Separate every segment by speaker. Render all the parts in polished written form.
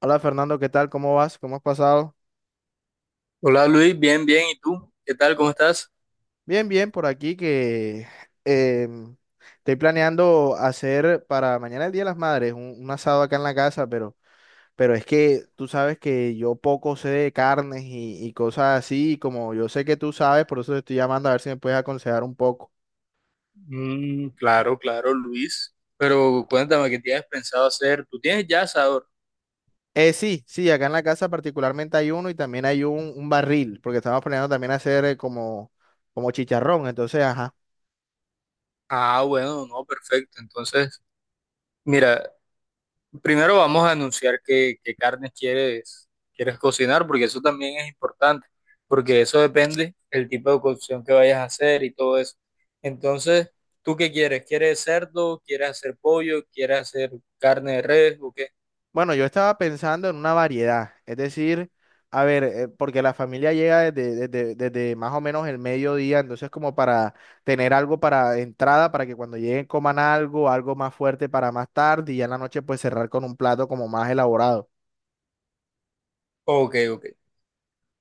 Speaker 1: Hola Fernando, ¿qué tal? ¿Cómo vas? ¿Cómo has pasado?
Speaker 2: Hola Luis, bien, bien. ¿Y tú? ¿Qué tal? ¿Cómo estás?
Speaker 1: Bien, bien, por aquí que em, estoy planeando hacer para mañana el Día de las Madres un asado acá en la casa, pero es que tú sabes que yo poco sé de carnes y cosas así, y como yo sé que tú sabes, por eso te estoy llamando a ver si me puedes aconsejar un poco.
Speaker 2: Mm, claro, claro, Luis. Pero cuéntame, ¿qué tienes pensado hacer? ¿Tú tienes ya asador?
Speaker 1: Sí, sí, acá en la casa particularmente hay uno y también hay un barril, porque estamos planeando también hacer como, como chicharrón, entonces, ajá.
Speaker 2: Ah, bueno, no, perfecto. Entonces, mira, primero vamos a anunciar qué carnes quieres cocinar, porque eso también es importante, porque eso depende el tipo de cocción que vayas a hacer y todo eso. Entonces, ¿tú qué quieres? ¿Quieres cerdo? ¿Quieres hacer pollo? ¿Quieres hacer carne de res? ¿O qué?
Speaker 1: Bueno, yo estaba pensando en una variedad, es decir, a ver, porque la familia llega desde más o menos el mediodía, entonces como para tener algo para entrada, para que cuando lleguen coman algo, algo más fuerte para más tarde y ya en la noche pues cerrar con un plato como más elaborado.
Speaker 2: Ok, ok.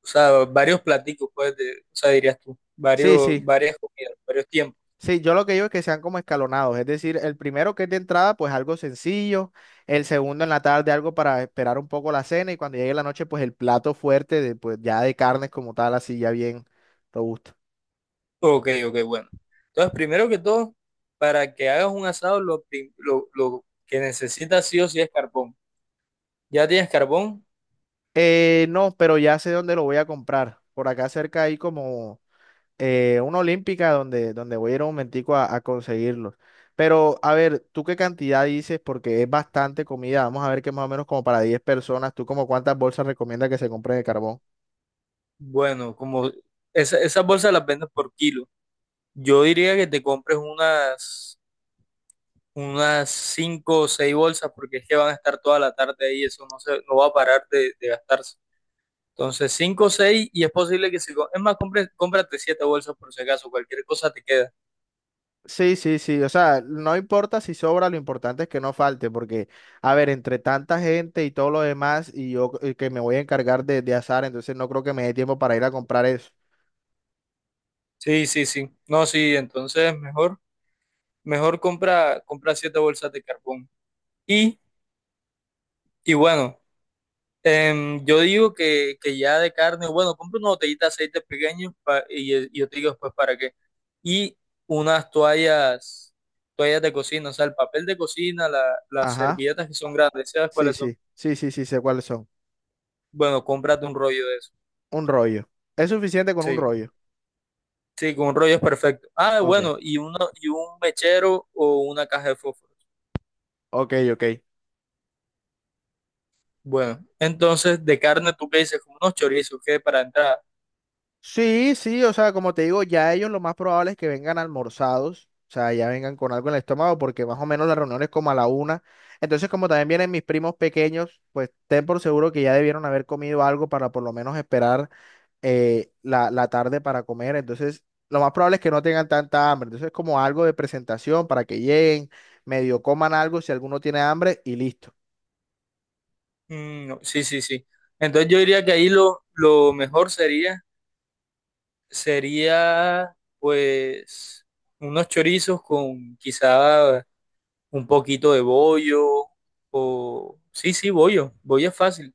Speaker 2: O sea, varios platicos, pues, de, o sea, dirías tú,
Speaker 1: Sí,
Speaker 2: varios,
Speaker 1: sí,
Speaker 2: varias comidas, varios tiempos.
Speaker 1: sí, yo lo que digo es que sean como escalonados, es decir, el primero que es de entrada pues algo sencillo, el segundo en la tarde algo para esperar un poco la cena y cuando llegue la noche pues el plato fuerte de, pues ya de carnes como tal, así ya bien robusto.
Speaker 2: Ok, ok, bueno. Entonces, primero que todo, para que hagas un asado, lo que necesitas sí o sí es carbón. ¿Ya tienes carbón?
Speaker 1: No, pero ya sé dónde lo voy a comprar. Por acá cerca hay como una olímpica donde, donde voy a ir un momentico a conseguirlos. Pero a ver, ¿tú qué cantidad dices? Porque es bastante comida. Vamos a ver que más o menos como para 10 personas. ¿Tú como cuántas bolsas recomiendas que se compren de carbón?
Speaker 2: Bueno, como esas bolsas las vendes por kilo. Yo diría que te compres unas cinco o seis bolsas porque es que van a estar toda la tarde ahí, eso no se, no va a parar de gastarse. Entonces, 5 o 6 y es posible que si... co- Es más, cómprate 7 bolsas por si acaso, cualquier cosa te queda.
Speaker 1: Sí, sí, sí. O sea, no importa si sobra, lo importante es que no falte. Porque, a ver, entre tanta gente y todo lo demás, y yo que me voy a encargar de asar, entonces no creo que me dé tiempo para ir a comprar eso.
Speaker 2: Sí, sí, sí. No, sí, entonces mejor, mejor compra, compra 7 bolsas de carbón. Y, y bueno, yo digo que ya de carne, bueno, compra una botellita de aceite pequeño y yo te digo después para qué. Y unas toallas, toallas de cocina, o sea, el papel de cocina, las
Speaker 1: Ajá.
Speaker 2: servilletas que son grandes, ¿sabes
Speaker 1: Sí,
Speaker 2: cuáles son?
Speaker 1: sí. Sí, sí, sí, sé cuáles son.
Speaker 2: Bueno, cómprate un rollo de eso.
Speaker 1: Un rollo. Es suficiente con un
Speaker 2: Sí.
Speaker 1: rollo.
Speaker 2: Sí, con un rollo es perfecto. Ah,
Speaker 1: Ok,
Speaker 2: bueno, y un mechero o una caja de fósforos.
Speaker 1: ok, ok.
Speaker 2: Bueno, entonces de carne, ¿tú qué dices? Como unos chorizos, ¿qué? Para entrar.
Speaker 1: Sí, sí, o sea, como te digo, ya ellos lo más probable es que vengan almorzados, o sea, ya vengan con algo en el estómago, porque más o menos la reunión es como a la una. Entonces, como también vienen mis primos pequeños, pues ten por seguro que ya debieron haber comido algo para por lo menos esperar la tarde para comer. Entonces, lo más probable es que no tengan tanta hambre. Entonces, como algo de presentación para que lleguen, medio coman algo si alguno tiene hambre y listo.
Speaker 2: Mm, no, sí, sí, sí. Entonces yo diría que ahí lo mejor sería pues unos chorizos con quizá un poquito de bollo Sí, sí, bollo. Bollo es fácil.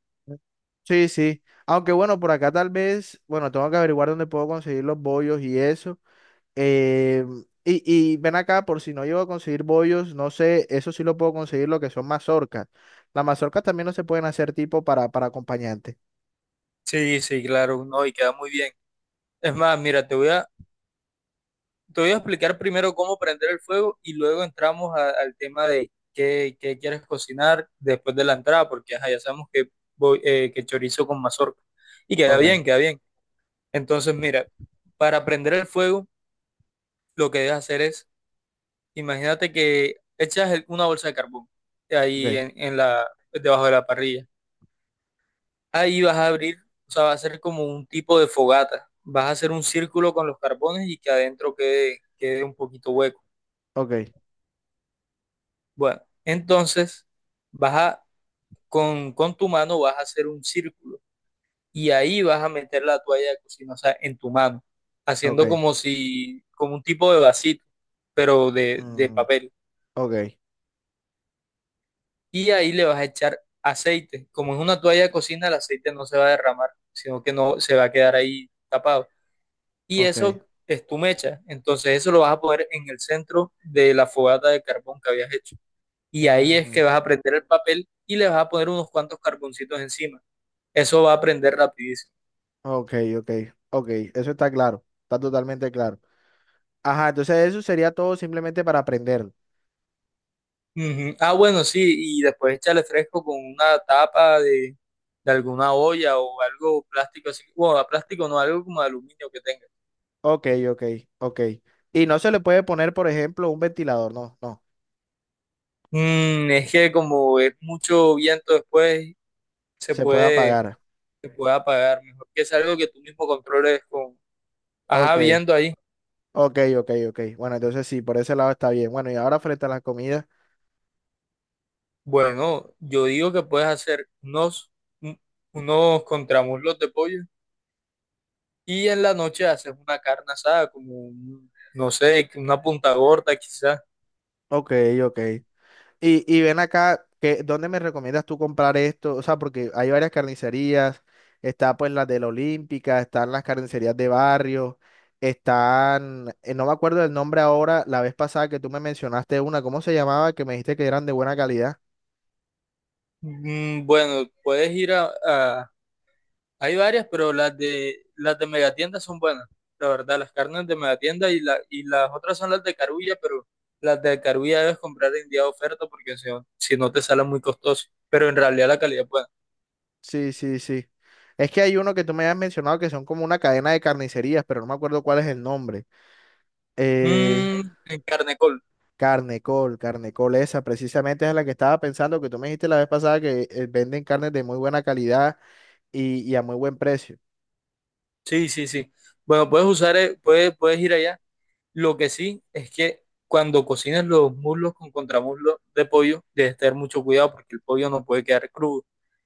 Speaker 1: Sí, sí. Aunque bueno, por acá tal vez, bueno, tengo que averiguar dónde puedo conseguir los bollos y eso. Eh, y, y ven acá, por si no llego a conseguir bollos, no sé, eso sí lo puedo conseguir, lo que son mazorcas. Las mazorcas también no se pueden hacer tipo para acompañante.
Speaker 2: Sí, sí, claro, no, y queda muy bien. Es más, mira, te voy a explicar primero cómo prender el fuego y luego entramos al tema de qué quieres cocinar después de la entrada, porque ajá, ya sabemos que chorizo con mazorca. Y queda bien,
Speaker 1: Ok,
Speaker 2: queda bien. Entonces, mira, para prender el fuego, lo que debes hacer es, imagínate que echas una bolsa de carbón ahí
Speaker 1: ok,
Speaker 2: en, debajo de la parrilla. Ahí vas a abrir, o sea, va a ser como un tipo de fogata. Vas a hacer un círculo con los carbones y que adentro quede un poquito hueco.
Speaker 1: ok,
Speaker 2: Bueno, entonces vas a, con tu mano vas a hacer un círculo y ahí vas a meter la toalla de cocina, o sea, en tu mano, haciendo
Speaker 1: ok.
Speaker 2: como si, como un tipo de vasito, pero de
Speaker 1: Mm,
Speaker 2: papel.
Speaker 1: ok,
Speaker 2: Y ahí le vas a echar aceite. Como es una toalla de cocina, el aceite no se va a derramar, sino que no se va a quedar ahí tapado. Y
Speaker 1: ok.
Speaker 2: eso es tu mecha. Entonces eso lo vas a poner en el centro de la fogata de carbón que habías hecho. Y ahí es
Speaker 1: Ujú,
Speaker 2: que vas a prender el papel y le vas a poner unos cuantos carboncitos encima. Eso va a prender rapidísimo.
Speaker 1: ok, ok, ok. Eso está claro, está totalmente claro. Ajá, entonces eso sería todo simplemente para aprender.
Speaker 2: Ujú. Ah, bueno, sí, y después échale fresco con una tapa de alguna olla o algo plástico así. Bueno, plástico no, algo como de aluminio que tenga.
Speaker 1: Ok, ok, ok. Y no se le puede poner, por ejemplo, un ventilador, no, no.
Speaker 2: Mm, es que como es mucho viento después, se
Speaker 1: Se puede
Speaker 2: puede,
Speaker 1: apagar.
Speaker 2: se puede apagar. Mejor que es algo que tú mismo controles. Ajá,
Speaker 1: Ok,
Speaker 2: viendo ahí.
Speaker 1: ok, ok, ok. Bueno, entonces sí, por ese lado está bien. Bueno, y ahora frente a las comidas.
Speaker 2: Bueno, yo digo que puedes hacer un- unos contramuslos de pollo. Y en la noche haces una carne asada, como, no sé, una punta gorda quizás.
Speaker 1: Ok, ok. Y ven acá, que, ¿dónde me recomiendas tú comprar esto? O sea, porque hay varias carnicerías. Está pues la de la Olímpica, están las carnicerías de barrio, están, no me acuerdo del nombre ahora, la vez pasada que tú me mencionaste una, ¿cómo se llamaba? Que me dijiste que eran de buena calidad.
Speaker 2: Bueno, puedes ir. Hay varias, pero las de Megatienda son buenas. La verdad, las carnes de Megatienda y las otras son las de Carulla, pero las de Carulla debes comprar en día de oferta porque si no te salen muy costoso. Pero en realidad la calidad es buena.
Speaker 1: Sí, sí, sí. Es que hay uno que tú me habías mencionado que son como una cadena de carnicerías, pero no me acuerdo cuál es el nombre. Eh,
Speaker 2: Mm, en Carnecol.
Speaker 1: Carnecol, Carnecol, esa precisamente es la que estaba pensando que tú me dijiste la vez pasada que venden carnes de muy buena calidad y a muy buen precio.
Speaker 2: Sí, sí, sí. Bueno, puedes ir allá. Lo que sí es que cuando cocines los muslos con contramuslo de pollo, debes tener mucho cuidado porque el pollo no puede quedar crudo.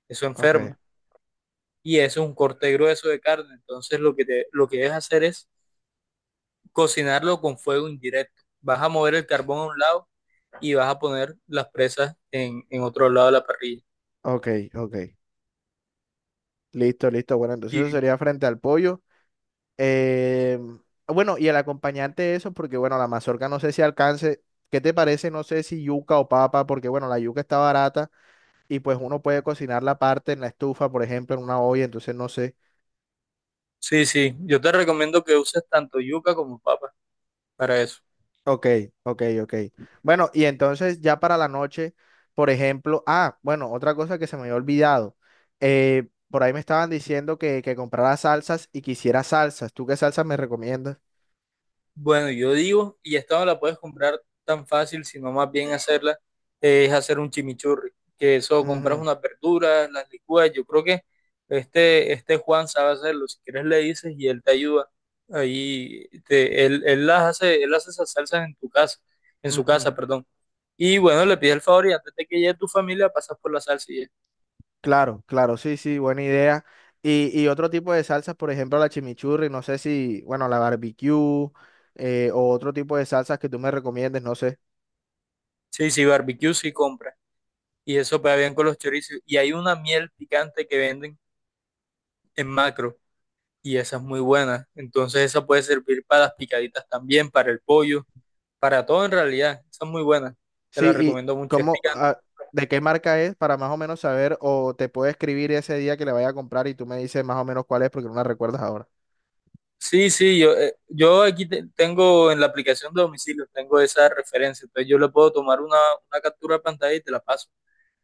Speaker 2: Eso
Speaker 1: Ok,
Speaker 2: enferma. Y eso es un corte grueso de carne. Entonces lo que debes hacer es cocinarlo con fuego indirecto. Vas a mover el carbón a un lado y vas a poner las presas en otro lado de la parrilla.
Speaker 1: ok, ok. Listo, listo. Bueno, entonces
Speaker 2: Y,
Speaker 1: eso sería frente al pollo. Eh, bueno, y el acompañante de eso, porque bueno, la mazorca no sé si alcance. ¿Qué te parece? No sé si yuca o papa, porque bueno, la yuca está barata y pues uno puede cocinar la parte en la estufa, por ejemplo, en una olla, entonces no sé.
Speaker 2: sí, sí, yo te recomiendo que uses tanto yuca como papa para eso.
Speaker 1: Ok, ok, ok. Bueno, y entonces ya para la noche, por ejemplo, ah, bueno, otra cosa que se me había olvidado. Por ahí me estaban diciendo que comprara salsas y quisiera salsas. ¿Tú qué salsas me recomiendas?
Speaker 2: Bueno, yo digo, y esta no la puedes comprar tan fácil, sino más bien hacerla, es hacer un chimichurri, que eso compras
Speaker 1: Ujú,
Speaker 2: unas verduras, las licúas, yo creo que este Juan sabe hacerlo, si quieres le dices y él te ayuda, ahí él las hace, él hace esas salsas en tu casa, en su
Speaker 1: ujú.
Speaker 2: casa, perdón. Y bueno, le pides el favor y antes de que llegue tu familia pasas por la salsa y ya.
Speaker 1: Claro, claro, sí, sí, buena idea. Y otro tipo de salsas, por ejemplo, la chimichurri, no sé si, bueno, la barbecue, o otro tipo de salsas que tú me recomiendes, no sé.
Speaker 2: Sí, sí, barbecue sí compra, y eso pega bien con los chorizos, y hay una miel picante que venden en Macro y esa es muy buena. Entonces esa puede servir para las picaditas también, para el pollo, para todo en realidad. Esa es muy buena. Te
Speaker 1: Sí,
Speaker 2: la
Speaker 1: y
Speaker 2: recomiendo mucho. Es
Speaker 1: cómo,
Speaker 2: picante.
Speaker 1: ah, de qué marca es para más o menos saber, o te puedo escribir ese día que le vaya a comprar y tú me dices más o menos cuál es porque no la recuerdas ahora.
Speaker 2: Sí, sí, yo aquí tengo en la aplicación de domicilio, tengo esa referencia. Entonces yo le puedo tomar una captura de pantalla y te la paso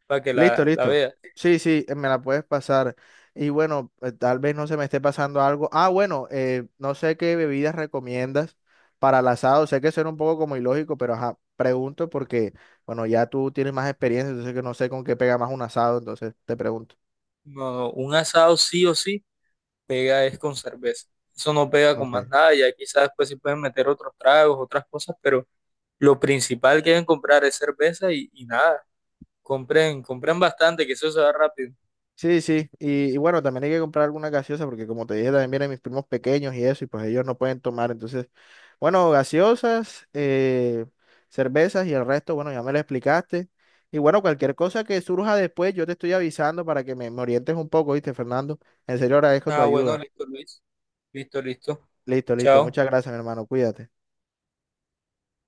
Speaker 2: para que
Speaker 1: Listo,
Speaker 2: la
Speaker 1: listo.
Speaker 2: veas.
Speaker 1: Sí, sí, me la puedes pasar. Y bueno, tal vez no se me esté pasando algo. Ah, bueno, no sé qué bebidas recomiendas para el asado. Sé que suena un poco como ilógico, pero ajá, pregunto porque, bueno, ya tú tienes más experiencia, entonces que no sé con qué pega más un asado, entonces te pregunto.
Speaker 2: No, no, un asado sí o sí pega es con cerveza. Eso no pega con
Speaker 1: Ok.
Speaker 2: más nada. Ya quizás después sí pueden meter otros tragos, otras cosas, pero lo principal que deben comprar es cerveza y nada. Compren bastante, que eso se va rápido.
Speaker 1: Sí, sí, y bueno, también hay que comprar alguna gaseosa porque como te dije, también vienen mis primos pequeños y eso, y pues ellos no pueden tomar. Entonces, bueno, gaseosas, cervezas y el resto, bueno, ya me lo explicaste. Y bueno, cualquier cosa que surja después, yo te estoy avisando para que me orientes un poco, ¿viste, Fernando? En serio, agradezco tu
Speaker 2: Ah, bueno,
Speaker 1: ayuda.
Speaker 2: listo, Luis. Listo, listo.
Speaker 1: Listo, listo,
Speaker 2: Chao.
Speaker 1: muchas gracias, mi hermano, cuídate.